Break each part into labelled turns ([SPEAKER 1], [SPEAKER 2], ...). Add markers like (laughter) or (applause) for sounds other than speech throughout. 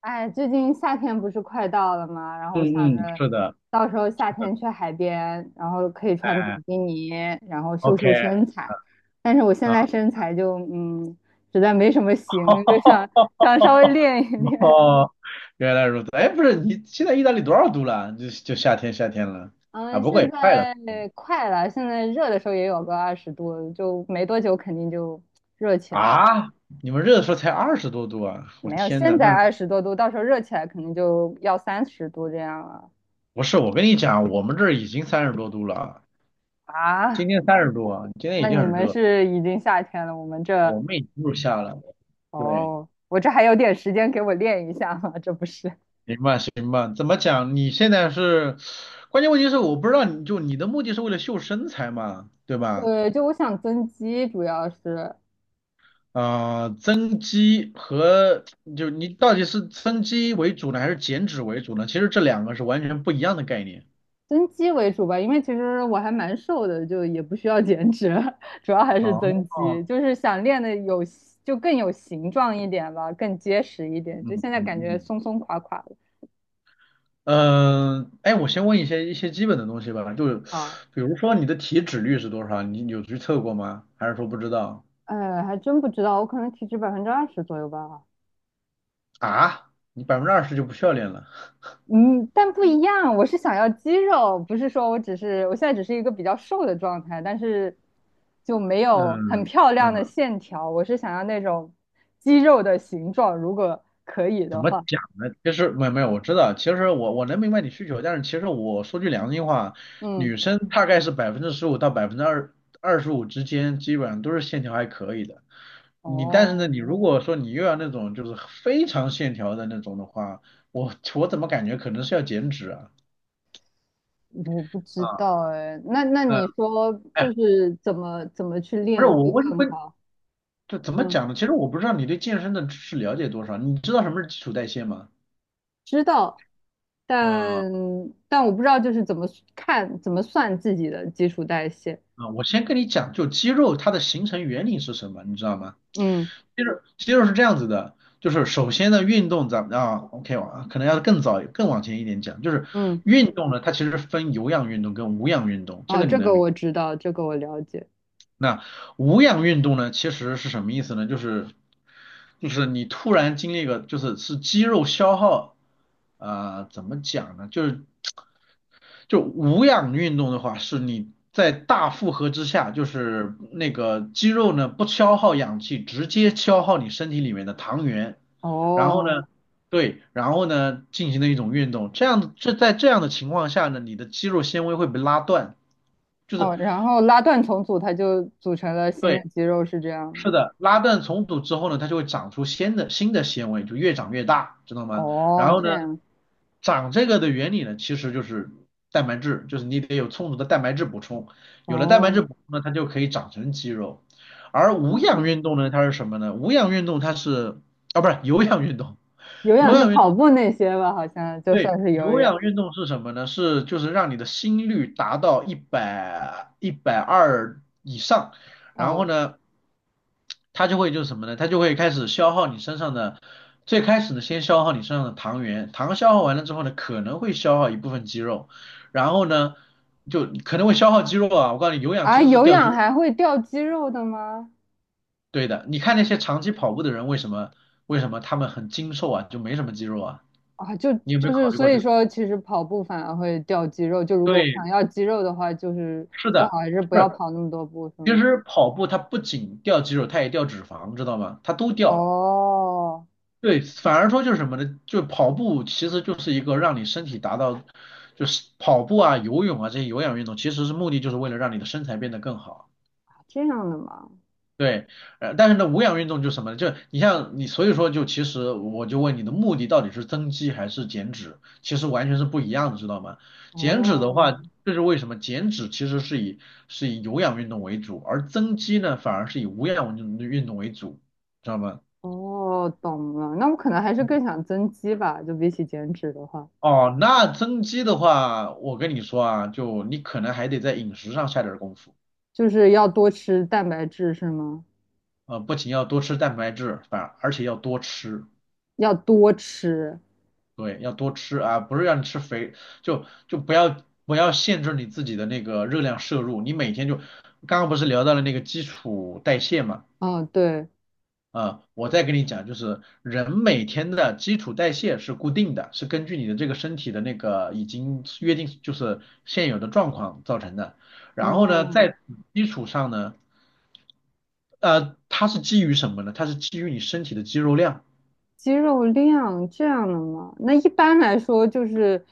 [SPEAKER 1] 哎，最近夏天不是快到了吗？然后我
[SPEAKER 2] 嗯
[SPEAKER 1] 想着，
[SPEAKER 2] 嗯，是的，
[SPEAKER 1] 到时候
[SPEAKER 2] 是
[SPEAKER 1] 夏
[SPEAKER 2] 的，
[SPEAKER 1] 天去海边，然后可以穿比
[SPEAKER 2] 哎
[SPEAKER 1] 基尼，然后秀秀
[SPEAKER 2] ，OK，
[SPEAKER 1] 身材。但是我现
[SPEAKER 2] 啊，
[SPEAKER 1] 在身材就实在没什么型，就想稍微
[SPEAKER 2] (laughs)
[SPEAKER 1] 练一练。
[SPEAKER 2] 哦，原来如此。哎，不是，你现在意大利多少度了？就夏天了啊，
[SPEAKER 1] 嗯，
[SPEAKER 2] 不过
[SPEAKER 1] 现
[SPEAKER 2] 也快了。
[SPEAKER 1] 在快了，现在热的时候也有个20度，就没多久肯定就热起来。
[SPEAKER 2] 啊，你们热的时候才20多度啊，我
[SPEAKER 1] 没有，
[SPEAKER 2] 天
[SPEAKER 1] 现
[SPEAKER 2] 呐。那
[SPEAKER 1] 在20多度，到时候热起来肯定就要30度这样了
[SPEAKER 2] 不是，我跟你讲，我们这儿已经30多度了啊，
[SPEAKER 1] 啊。
[SPEAKER 2] 今天30度啊，今天
[SPEAKER 1] 那
[SPEAKER 2] 已经
[SPEAKER 1] 你
[SPEAKER 2] 很
[SPEAKER 1] 们
[SPEAKER 2] 热，
[SPEAKER 1] 是已经夏天了，我们这，
[SPEAKER 2] 我们已经入夏了，对。
[SPEAKER 1] 哦，我这还有点时间给我练一下嘛，这不是？
[SPEAKER 2] 行吧，行吧，怎么讲？你现在是，关键问题是我不知道你的目的是为了秀身材嘛，对
[SPEAKER 1] (laughs)
[SPEAKER 2] 吧？
[SPEAKER 1] 对，就我想增肌，主要是
[SPEAKER 2] 呃，增肌和就你到底是增肌为主呢，还是减脂为主呢？其实这两个是完全不一样的概念。
[SPEAKER 1] 增肌为主吧，因为其实我还蛮瘦的，就也不需要减脂，(laughs) 主要还是
[SPEAKER 2] 哦。
[SPEAKER 1] 增肌，就是想练的有，就更有形状一点吧，更结实一点。就
[SPEAKER 2] 嗯
[SPEAKER 1] 现在
[SPEAKER 2] 嗯
[SPEAKER 1] 感觉
[SPEAKER 2] 嗯。
[SPEAKER 1] 松松垮垮的
[SPEAKER 2] 嗯，哎，我先问一些基本的东西吧，就是
[SPEAKER 1] 啊，
[SPEAKER 2] 比如说你的体脂率是多少？你有去测过吗？还是说不知道？
[SPEAKER 1] 还真不知道，我可能体脂20%左右吧。
[SPEAKER 2] 啊，你20%就不需要练了？
[SPEAKER 1] 嗯，但不一样，我是想要肌肉，不是说我只是，我现在只是一个比较瘦的状态，但是就没有很
[SPEAKER 2] 嗯
[SPEAKER 1] 漂亮
[SPEAKER 2] 嗯。
[SPEAKER 1] 的线条，我是想要那种肌肉的形状，如果可以
[SPEAKER 2] 怎
[SPEAKER 1] 的
[SPEAKER 2] 么
[SPEAKER 1] 话。
[SPEAKER 2] 讲呢？其实没有没有，我知道，其实我能明白你需求，但是其实我说句良心话，
[SPEAKER 1] 嗯。
[SPEAKER 2] 女生大概是15%到百分之二十五之间，基本上都是线条还可以的。你但是呢，
[SPEAKER 1] 哦，
[SPEAKER 2] 你如果说你又要那种就是非常线条的那种的话，我怎么感觉可能是要减脂啊？
[SPEAKER 1] 我不知
[SPEAKER 2] 啊。
[SPEAKER 1] 道哎，那
[SPEAKER 2] 嗯。
[SPEAKER 1] 你说
[SPEAKER 2] 哎，
[SPEAKER 1] 就是怎么去
[SPEAKER 2] 不是，
[SPEAKER 1] 练
[SPEAKER 2] 我
[SPEAKER 1] 会
[SPEAKER 2] 问
[SPEAKER 1] 更
[SPEAKER 2] 问，
[SPEAKER 1] 好？
[SPEAKER 2] 就怎么
[SPEAKER 1] 嗯，
[SPEAKER 2] 讲呢？其实我不知道你对健身的知识了解多少，你知道什么是基础代谢吗？
[SPEAKER 1] 知道，
[SPEAKER 2] 嗯。
[SPEAKER 1] 但但我不知道就是怎么看怎么算自己的基础代谢。
[SPEAKER 2] 啊，我先跟你讲，就肌肉它的形成原理是什么，你知道吗？
[SPEAKER 1] 嗯
[SPEAKER 2] 肌肉是这样子的，就是首先呢，运动咱们啊，OK，我啊可能要更早更往前一点讲，就是
[SPEAKER 1] 嗯。
[SPEAKER 2] 运动呢，它其实分有氧运动跟无氧运动，这
[SPEAKER 1] 哦，
[SPEAKER 2] 个你
[SPEAKER 1] 这
[SPEAKER 2] 能
[SPEAKER 1] 个
[SPEAKER 2] 明白？
[SPEAKER 1] 我知道，这个我了解。
[SPEAKER 2] 那无氧运动呢，其实是什么意思呢？就是你突然经历一个，就是肌肉消耗。啊、怎么讲呢？就是无氧运动的话，是你在大负荷之下，就是那个肌肉呢不消耗氧气，直接消耗你身体里面的糖原，然后
[SPEAKER 1] 哦
[SPEAKER 2] 呢，对，然后呢进行的一种运动，这样。这在这样的情况下呢，你的肌肉纤维会被拉断，就是
[SPEAKER 1] 哦，然后拉断重组，它就组成了新的
[SPEAKER 2] 对。
[SPEAKER 1] 肌肉，是这样吗？
[SPEAKER 2] 是的，拉断重组之后呢，它就会长出新的纤维，就越长越大，知道吗？然
[SPEAKER 1] 哦，
[SPEAKER 2] 后
[SPEAKER 1] 这
[SPEAKER 2] 呢，
[SPEAKER 1] 样。
[SPEAKER 2] 长这个的原理呢，其实就是蛋白质，就是你得有充足的蛋白质补充，有了蛋白质
[SPEAKER 1] 哦。
[SPEAKER 2] 补充呢，它就可以长成肌肉。而无氧
[SPEAKER 1] 嗯，
[SPEAKER 2] 运动呢，它是什么呢？无氧运动它是啊，不是有氧运动
[SPEAKER 1] 有
[SPEAKER 2] 有
[SPEAKER 1] 氧是
[SPEAKER 2] 氧运
[SPEAKER 1] 跑
[SPEAKER 2] 动
[SPEAKER 1] 步那些吧？好像就
[SPEAKER 2] 对。
[SPEAKER 1] 算是有
[SPEAKER 2] 有
[SPEAKER 1] 氧。
[SPEAKER 2] 氧运动是什么呢？是就是让你的心率达到100、120以上，然后
[SPEAKER 1] 哦
[SPEAKER 2] 呢。它就会就是什么呢？它就会开始消耗你身上的，最开始呢，先消耗你身上的糖原，糖消耗完了之后呢，可能会消耗一部分肌肉，然后呢，就可能会消耗肌肉啊。我告诉你，有氧其
[SPEAKER 1] 啊，
[SPEAKER 2] 实是
[SPEAKER 1] 有
[SPEAKER 2] 掉肌
[SPEAKER 1] 氧
[SPEAKER 2] 肉，
[SPEAKER 1] 还会掉肌肉的吗？
[SPEAKER 2] 对的。你看那些长期跑步的人，为什么他们很精瘦啊，就没什么肌肉啊？
[SPEAKER 1] 啊，就
[SPEAKER 2] 你有没
[SPEAKER 1] 就
[SPEAKER 2] 有考
[SPEAKER 1] 是
[SPEAKER 2] 虑
[SPEAKER 1] 所
[SPEAKER 2] 过这
[SPEAKER 1] 以
[SPEAKER 2] 个？
[SPEAKER 1] 说，其实跑步反而会掉肌肉。就如果我
[SPEAKER 2] 对，
[SPEAKER 1] 想要肌肉的话，就是
[SPEAKER 2] 是
[SPEAKER 1] 最好
[SPEAKER 2] 的，
[SPEAKER 1] 还是不
[SPEAKER 2] 不
[SPEAKER 1] 要
[SPEAKER 2] 是，
[SPEAKER 1] 跑那么多步，是
[SPEAKER 2] 其
[SPEAKER 1] 吗？
[SPEAKER 2] 实跑步它不仅掉肌肉，它也掉脂肪，知道吗？它都掉。
[SPEAKER 1] 哦。
[SPEAKER 2] 对，反而说就是什么呢？就跑步其实就是一个让你身体达到，就是跑步啊、游泳啊这些有氧运动，其实是目的就是为了让你的身材变得更好。
[SPEAKER 1] 啊这样的嘛。
[SPEAKER 2] 对，但是呢，无氧运动就是什么呢？就你像你，所以说就其实我就问你的目的到底是增肌还是减脂？其实完全是不一样的，知道吗？减脂的
[SPEAKER 1] 哦。
[SPEAKER 2] 话，这是为什么？减脂其实是以有氧运动为主，而增肌呢反而是以无氧运动为主，知道吗？
[SPEAKER 1] 哦，懂了。那我可能还是更想增肌吧，就比起减脂的话，
[SPEAKER 2] 哦，那增肌的话，我跟你说啊，就你可能还得在饮食上下点儿功夫。
[SPEAKER 1] 就是要多吃蛋白质，是吗？
[SPEAKER 2] 不仅要多吃蛋白质，反而且要多吃，
[SPEAKER 1] 要多吃。
[SPEAKER 2] 对，要多吃啊，不是让你吃肥，就不要限制你自己的那个热量摄入，你每天就，刚刚不是聊到了那个基础代谢嘛。
[SPEAKER 1] 哦，对。
[SPEAKER 2] 啊，我再跟你讲，就是人每天的基础代谢是固定的，是根据你的这个身体的那个已经约定，就是现有的状况造成的。然后呢，
[SPEAKER 1] 哦，
[SPEAKER 2] 在基础上呢，它是基于什么呢？它是基于你身体的肌肉量。
[SPEAKER 1] 肌肉量这样的嘛。那一般来说，就是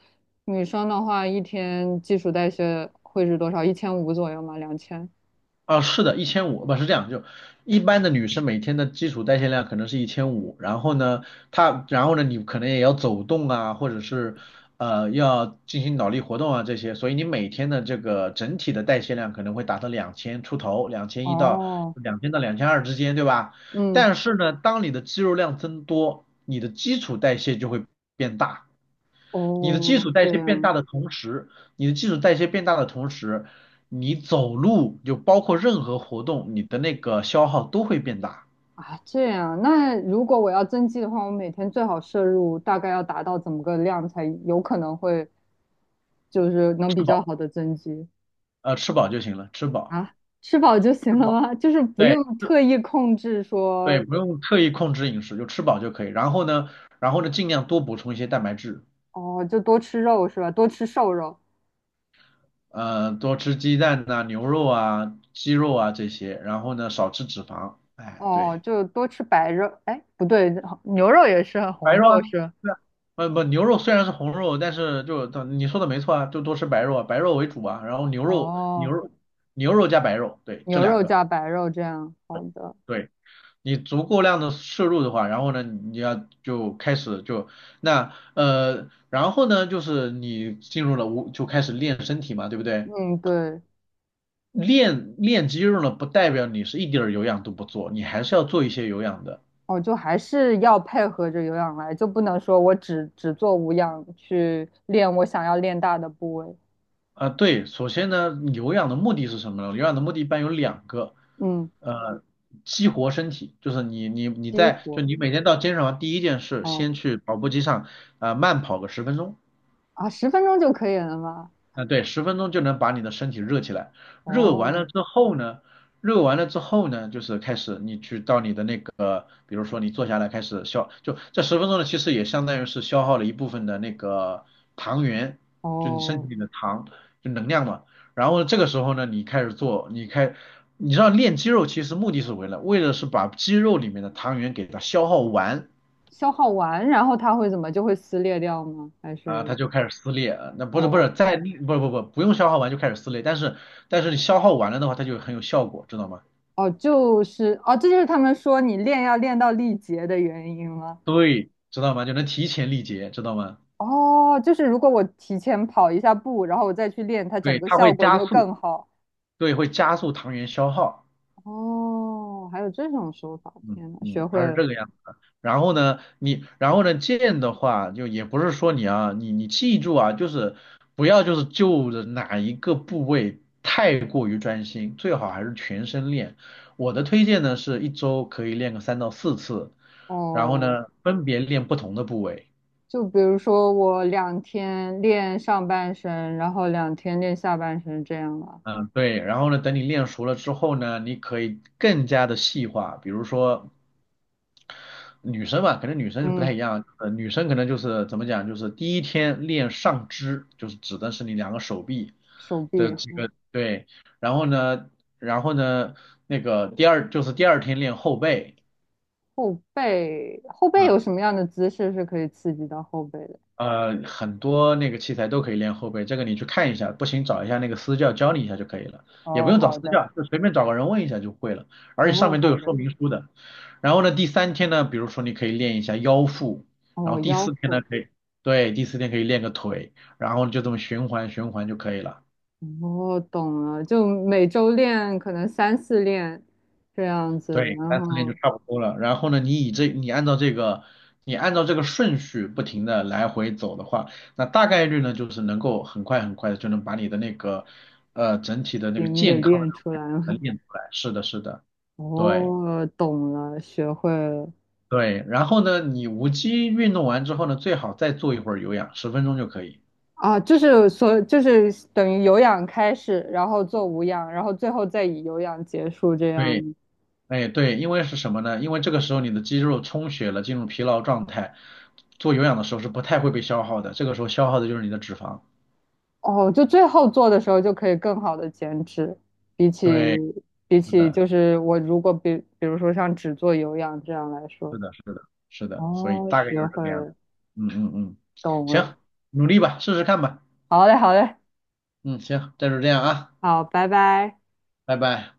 [SPEAKER 1] 女生的话，一天基础代谢会是多少？1500左右吗？2000？
[SPEAKER 2] 啊，是的，一千五不是这样，就一般的女生每天的基础代谢量可能是一千五，然后呢，她然后呢，你可能也要走动啊，或者是要进行脑力活动啊这些，所以你每天的这个整体的代谢量可能会达到两千出头，2100到
[SPEAKER 1] 哦。
[SPEAKER 2] 2200之间，对吧？
[SPEAKER 1] 嗯。
[SPEAKER 2] 但是呢，当你的肌肉量增多，你的基础代谢就会变大。你的基础
[SPEAKER 1] 哦，
[SPEAKER 2] 代
[SPEAKER 1] 这
[SPEAKER 2] 谢变
[SPEAKER 1] 样
[SPEAKER 2] 大的同时，你的基础代谢变大的同时，你走路就包括任何活动，你的那个消耗都会变大。
[SPEAKER 1] 啊，这样。那如果我要增肌的话，我每天最好摄入大概要达到怎么个量才有可能会就是能比
[SPEAKER 2] 吃
[SPEAKER 1] 较
[SPEAKER 2] 饱，
[SPEAKER 1] 好的增肌，
[SPEAKER 2] 吃饱就行了，吃饱，
[SPEAKER 1] 啊，吃饱就
[SPEAKER 2] 吃
[SPEAKER 1] 行了
[SPEAKER 2] 饱，
[SPEAKER 1] 吗？就是不
[SPEAKER 2] 对，
[SPEAKER 1] 用
[SPEAKER 2] 吃，
[SPEAKER 1] 特意控制
[SPEAKER 2] 对，
[SPEAKER 1] 说。
[SPEAKER 2] 不用特意控制饮食，就吃饱就可以。然后呢，然后呢，尽量多补充一些蛋白质，
[SPEAKER 1] 哦，就多吃肉是吧？多吃瘦肉。
[SPEAKER 2] 多吃鸡蛋呐、牛肉啊、鸡肉啊这些，然后呢，少吃脂肪。哎，
[SPEAKER 1] 哦，
[SPEAKER 2] 对。
[SPEAKER 1] 就多吃白肉，哎，不对，牛肉也是
[SPEAKER 2] 白
[SPEAKER 1] 红
[SPEAKER 2] 肉啊，
[SPEAKER 1] 肉是吧。
[SPEAKER 2] 对啊，不不，牛肉虽然是红肉，但是就你说的没错啊，就多吃白肉啊，白肉为主啊，然后牛肉牛
[SPEAKER 1] 哦，
[SPEAKER 2] 肉牛肉加白肉，对，这
[SPEAKER 1] 牛
[SPEAKER 2] 两
[SPEAKER 1] 肉加
[SPEAKER 2] 个，
[SPEAKER 1] 白肉这样，好的。
[SPEAKER 2] 对。你足够量的摄入的话，然后呢，你要就开始就那然后呢，就是你进入了无就开始练身体嘛，对不对？
[SPEAKER 1] 嗯，对。
[SPEAKER 2] 练练肌肉呢，不代表你是一点儿有氧都不做，你还是要做一些有氧的。
[SPEAKER 1] 哦，就还是要配合着有氧来，就不能说我只做无氧去练我想要练大的部位。
[SPEAKER 2] 啊，对，首先呢，有氧的目的是什么呢？有氧的目的一般有两个。
[SPEAKER 1] 嗯，
[SPEAKER 2] 呃，激活身体，就是你你你
[SPEAKER 1] 激
[SPEAKER 2] 在就
[SPEAKER 1] 活。
[SPEAKER 2] 你每天到健身房第一件事，
[SPEAKER 1] 哦，
[SPEAKER 2] 先去跑步机上啊、慢跑个十分钟。
[SPEAKER 1] 啊，10分钟就可以了吗？
[SPEAKER 2] 啊，对，十分钟就能把你的身体热起来。热完
[SPEAKER 1] 哦。
[SPEAKER 2] 了之后呢，就是开始你去到你的那个，比如说你坐下来开始消，就这十分钟呢，其实也相当于是消耗了一部分的那个糖原，就你身体
[SPEAKER 1] 哦，
[SPEAKER 2] 里的糖，就能量嘛。然后这个时候呢，你开始做，你开，你知道练肌肉其实目的是为了把肌肉里面的糖原给它消耗完。
[SPEAKER 1] 消耗完，然后它会怎么就会撕裂掉吗？还
[SPEAKER 2] 啊，它
[SPEAKER 1] 是
[SPEAKER 2] 就开始撕裂，那不是不是
[SPEAKER 1] 哦。
[SPEAKER 2] 在不用消耗完就开始撕裂，但是你消耗完了的话，它就很有效果，知道吗？
[SPEAKER 1] 哦，就是哦，这就是他们说你练要练到力竭的原因吗？
[SPEAKER 2] 对，知道吗？就能提前力竭，知道吗？
[SPEAKER 1] 哦，就是如果我提前跑一下步，然后我再去练，它整
[SPEAKER 2] 对，
[SPEAKER 1] 个
[SPEAKER 2] 它
[SPEAKER 1] 效
[SPEAKER 2] 会
[SPEAKER 1] 果就
[SPEAKER 2] 加
[SPEAKER 1] 会
[SPEAKER 2] 速，
[SPEAKER 1] 更好。
[SPEAKER 2] 对，会加速糖原消耗。
[SPEAKER 1] 哦，还有这种手法，
[SPEAKER 2] 嗯
[SPEAKER 1] 天呐，学
[SPEAKER 2] 嗯，它
[SPEAKER 1] 会
[SPEAKER 2] 是
[SPEAKER 1] 了。
[SPEAKER 2] 这个样子的。然后呢，你然后呢，剑的话就也不是说你啊，你记住啊，就是不要就是就着哪一个部位太过于专心，最好还是全身练。我的推荐呢是一周可以练个3到4次。然后
[SPEAKER 1] 哦，
[SPEAKER 2] 呢，分别练不同的部位。
[SPEAKER 1] 就比如说我两天练上半身，然后两天练下半身，这样啊。
[SPEAKER 2] 嗯，对。然后呢，等你练熟了之后呢，你可以更加的细化。比如说女生吧，可能女生不太
[SPEAKER 1] 嗯，
[SPEAKER 2] 一样。女生可能就是怎么讲，就是第一天练上肢，就是指的是你两个手臂
[SPEAKER 1] 手
[SPEAKER 2] 的
[SPEAKER 1] 臂。
[SPEAKER 2] 几个对。然后呢，然后呢，那个第二就是第二天练后背。
[SPEAKER 1] 后背，后背有
[SPEAKER 2] 嗯。
[SPEAKER 1] 什么样的姿势是可以刺激到后背的？
[SPEAKER 2] 很多那个器材都可以练后背，这个你去看一下，不行找一下那个私教教你一下就可以了，也不
[SPEAKER 1] 哦，
[SPEAKER 2] 用找
[SPEAKER 1] 好
[SPEAKER 2] 私
[SPEAKER 1] 的。
[SPEAKER 2] 教，就随便找个人问一下就会了，而且上
[SPEAKER 1] 哦，
[SPEAKER 2] 面都
[SPEAKER 1] 好
[SPEAKER 2] 有
[SPEAKER 1] 的。
[SPEAKER 2] 说明书的。然后呢，第三天呢，比如说你可以练一下腰腹，然
[SPEAKER 1] 哦，
[SPEAKER 2] 后第四
[SPEAKER 1] 腰
[SPEAKER 2] 天呢
[SPEAKER 1] 腹。
[SPEAKER 2] 可以，对，第四天可以练个腿，然后就这么循环循环就可以了。
[SPEAKER 1] 哦，懂了，就每周练可能三四练这样子，
[SPEAKER 2] 对，
[SPEAKER 1] 然
[SPEAKER 2] 3、4练就
[SPEAKER 1] 后
[SPEAKER 2] 差不多了。然后呢，你按照这个顺序不停的来回走的话，那大概率呢就是能够很快很快的就能把你的那个整体的那个
[SPEAKER 1] 筋给
[SPEAKER 2] 健康的那
[SPEAKER 1] 练
[SPEAKER 2] 种
[SPEAKER 1] 出
[SPEAKER 2] 感觉
[SPEAKER 1] 来了。
[SPEAKER 2] 能练出来。是的，是的，对
[SPEAKER 1] 哦，懂了，学会了。
[SPEAKER 2] 对。然后呢，你无机运动完之后呢，最好再做一会儿有氧，十分钟就可以。
[SPEAKER 1] 啊，就是所就是等于有氧开始，然后做无氧，然后最后再以有氧结束这样。
[SPEAKER 2] 对，哎对，因为是什么呢？因为这个时候你的肌肉充血了，进入疲劳状态，做有氧的时候是不太会被消耗的，这个时候消耗的就是你的脂肪。
[SPEAKER 1] 哦，就最后做的时候就可以更好的减脂，比起
[SPEAKER 2] 对。
[SPEAKER 1] 比
[SPEAKER 2] 是
[SPEAKER 1] 起
[SPEAKER 2] 的，
[SPEAKER 1] 就是我如果比如说像只做有氧这样来说。
[SPEAKER 2] 是的，是的，是的，所以
[SPEAKER 1] 哦，
[SPEAKER 2] 大概就
[SPEAKER 1] 学
[SPEAKER 2] 是这
[SPEAKER 1] 会
[SPEAKER 2] 个样子。嗯嗯嗯，
[SPEAKER 1] 懂了，
[SPEAKER 2] 行，努力吧，试试看吧。
[SPEAKER 1] 好嘞，好嘞，
[SPEAKER 2] 嗯，行，那就这样啊，
[SPEAKER 1] 好，拜拜。
[SPEAKER 2] 拜拜。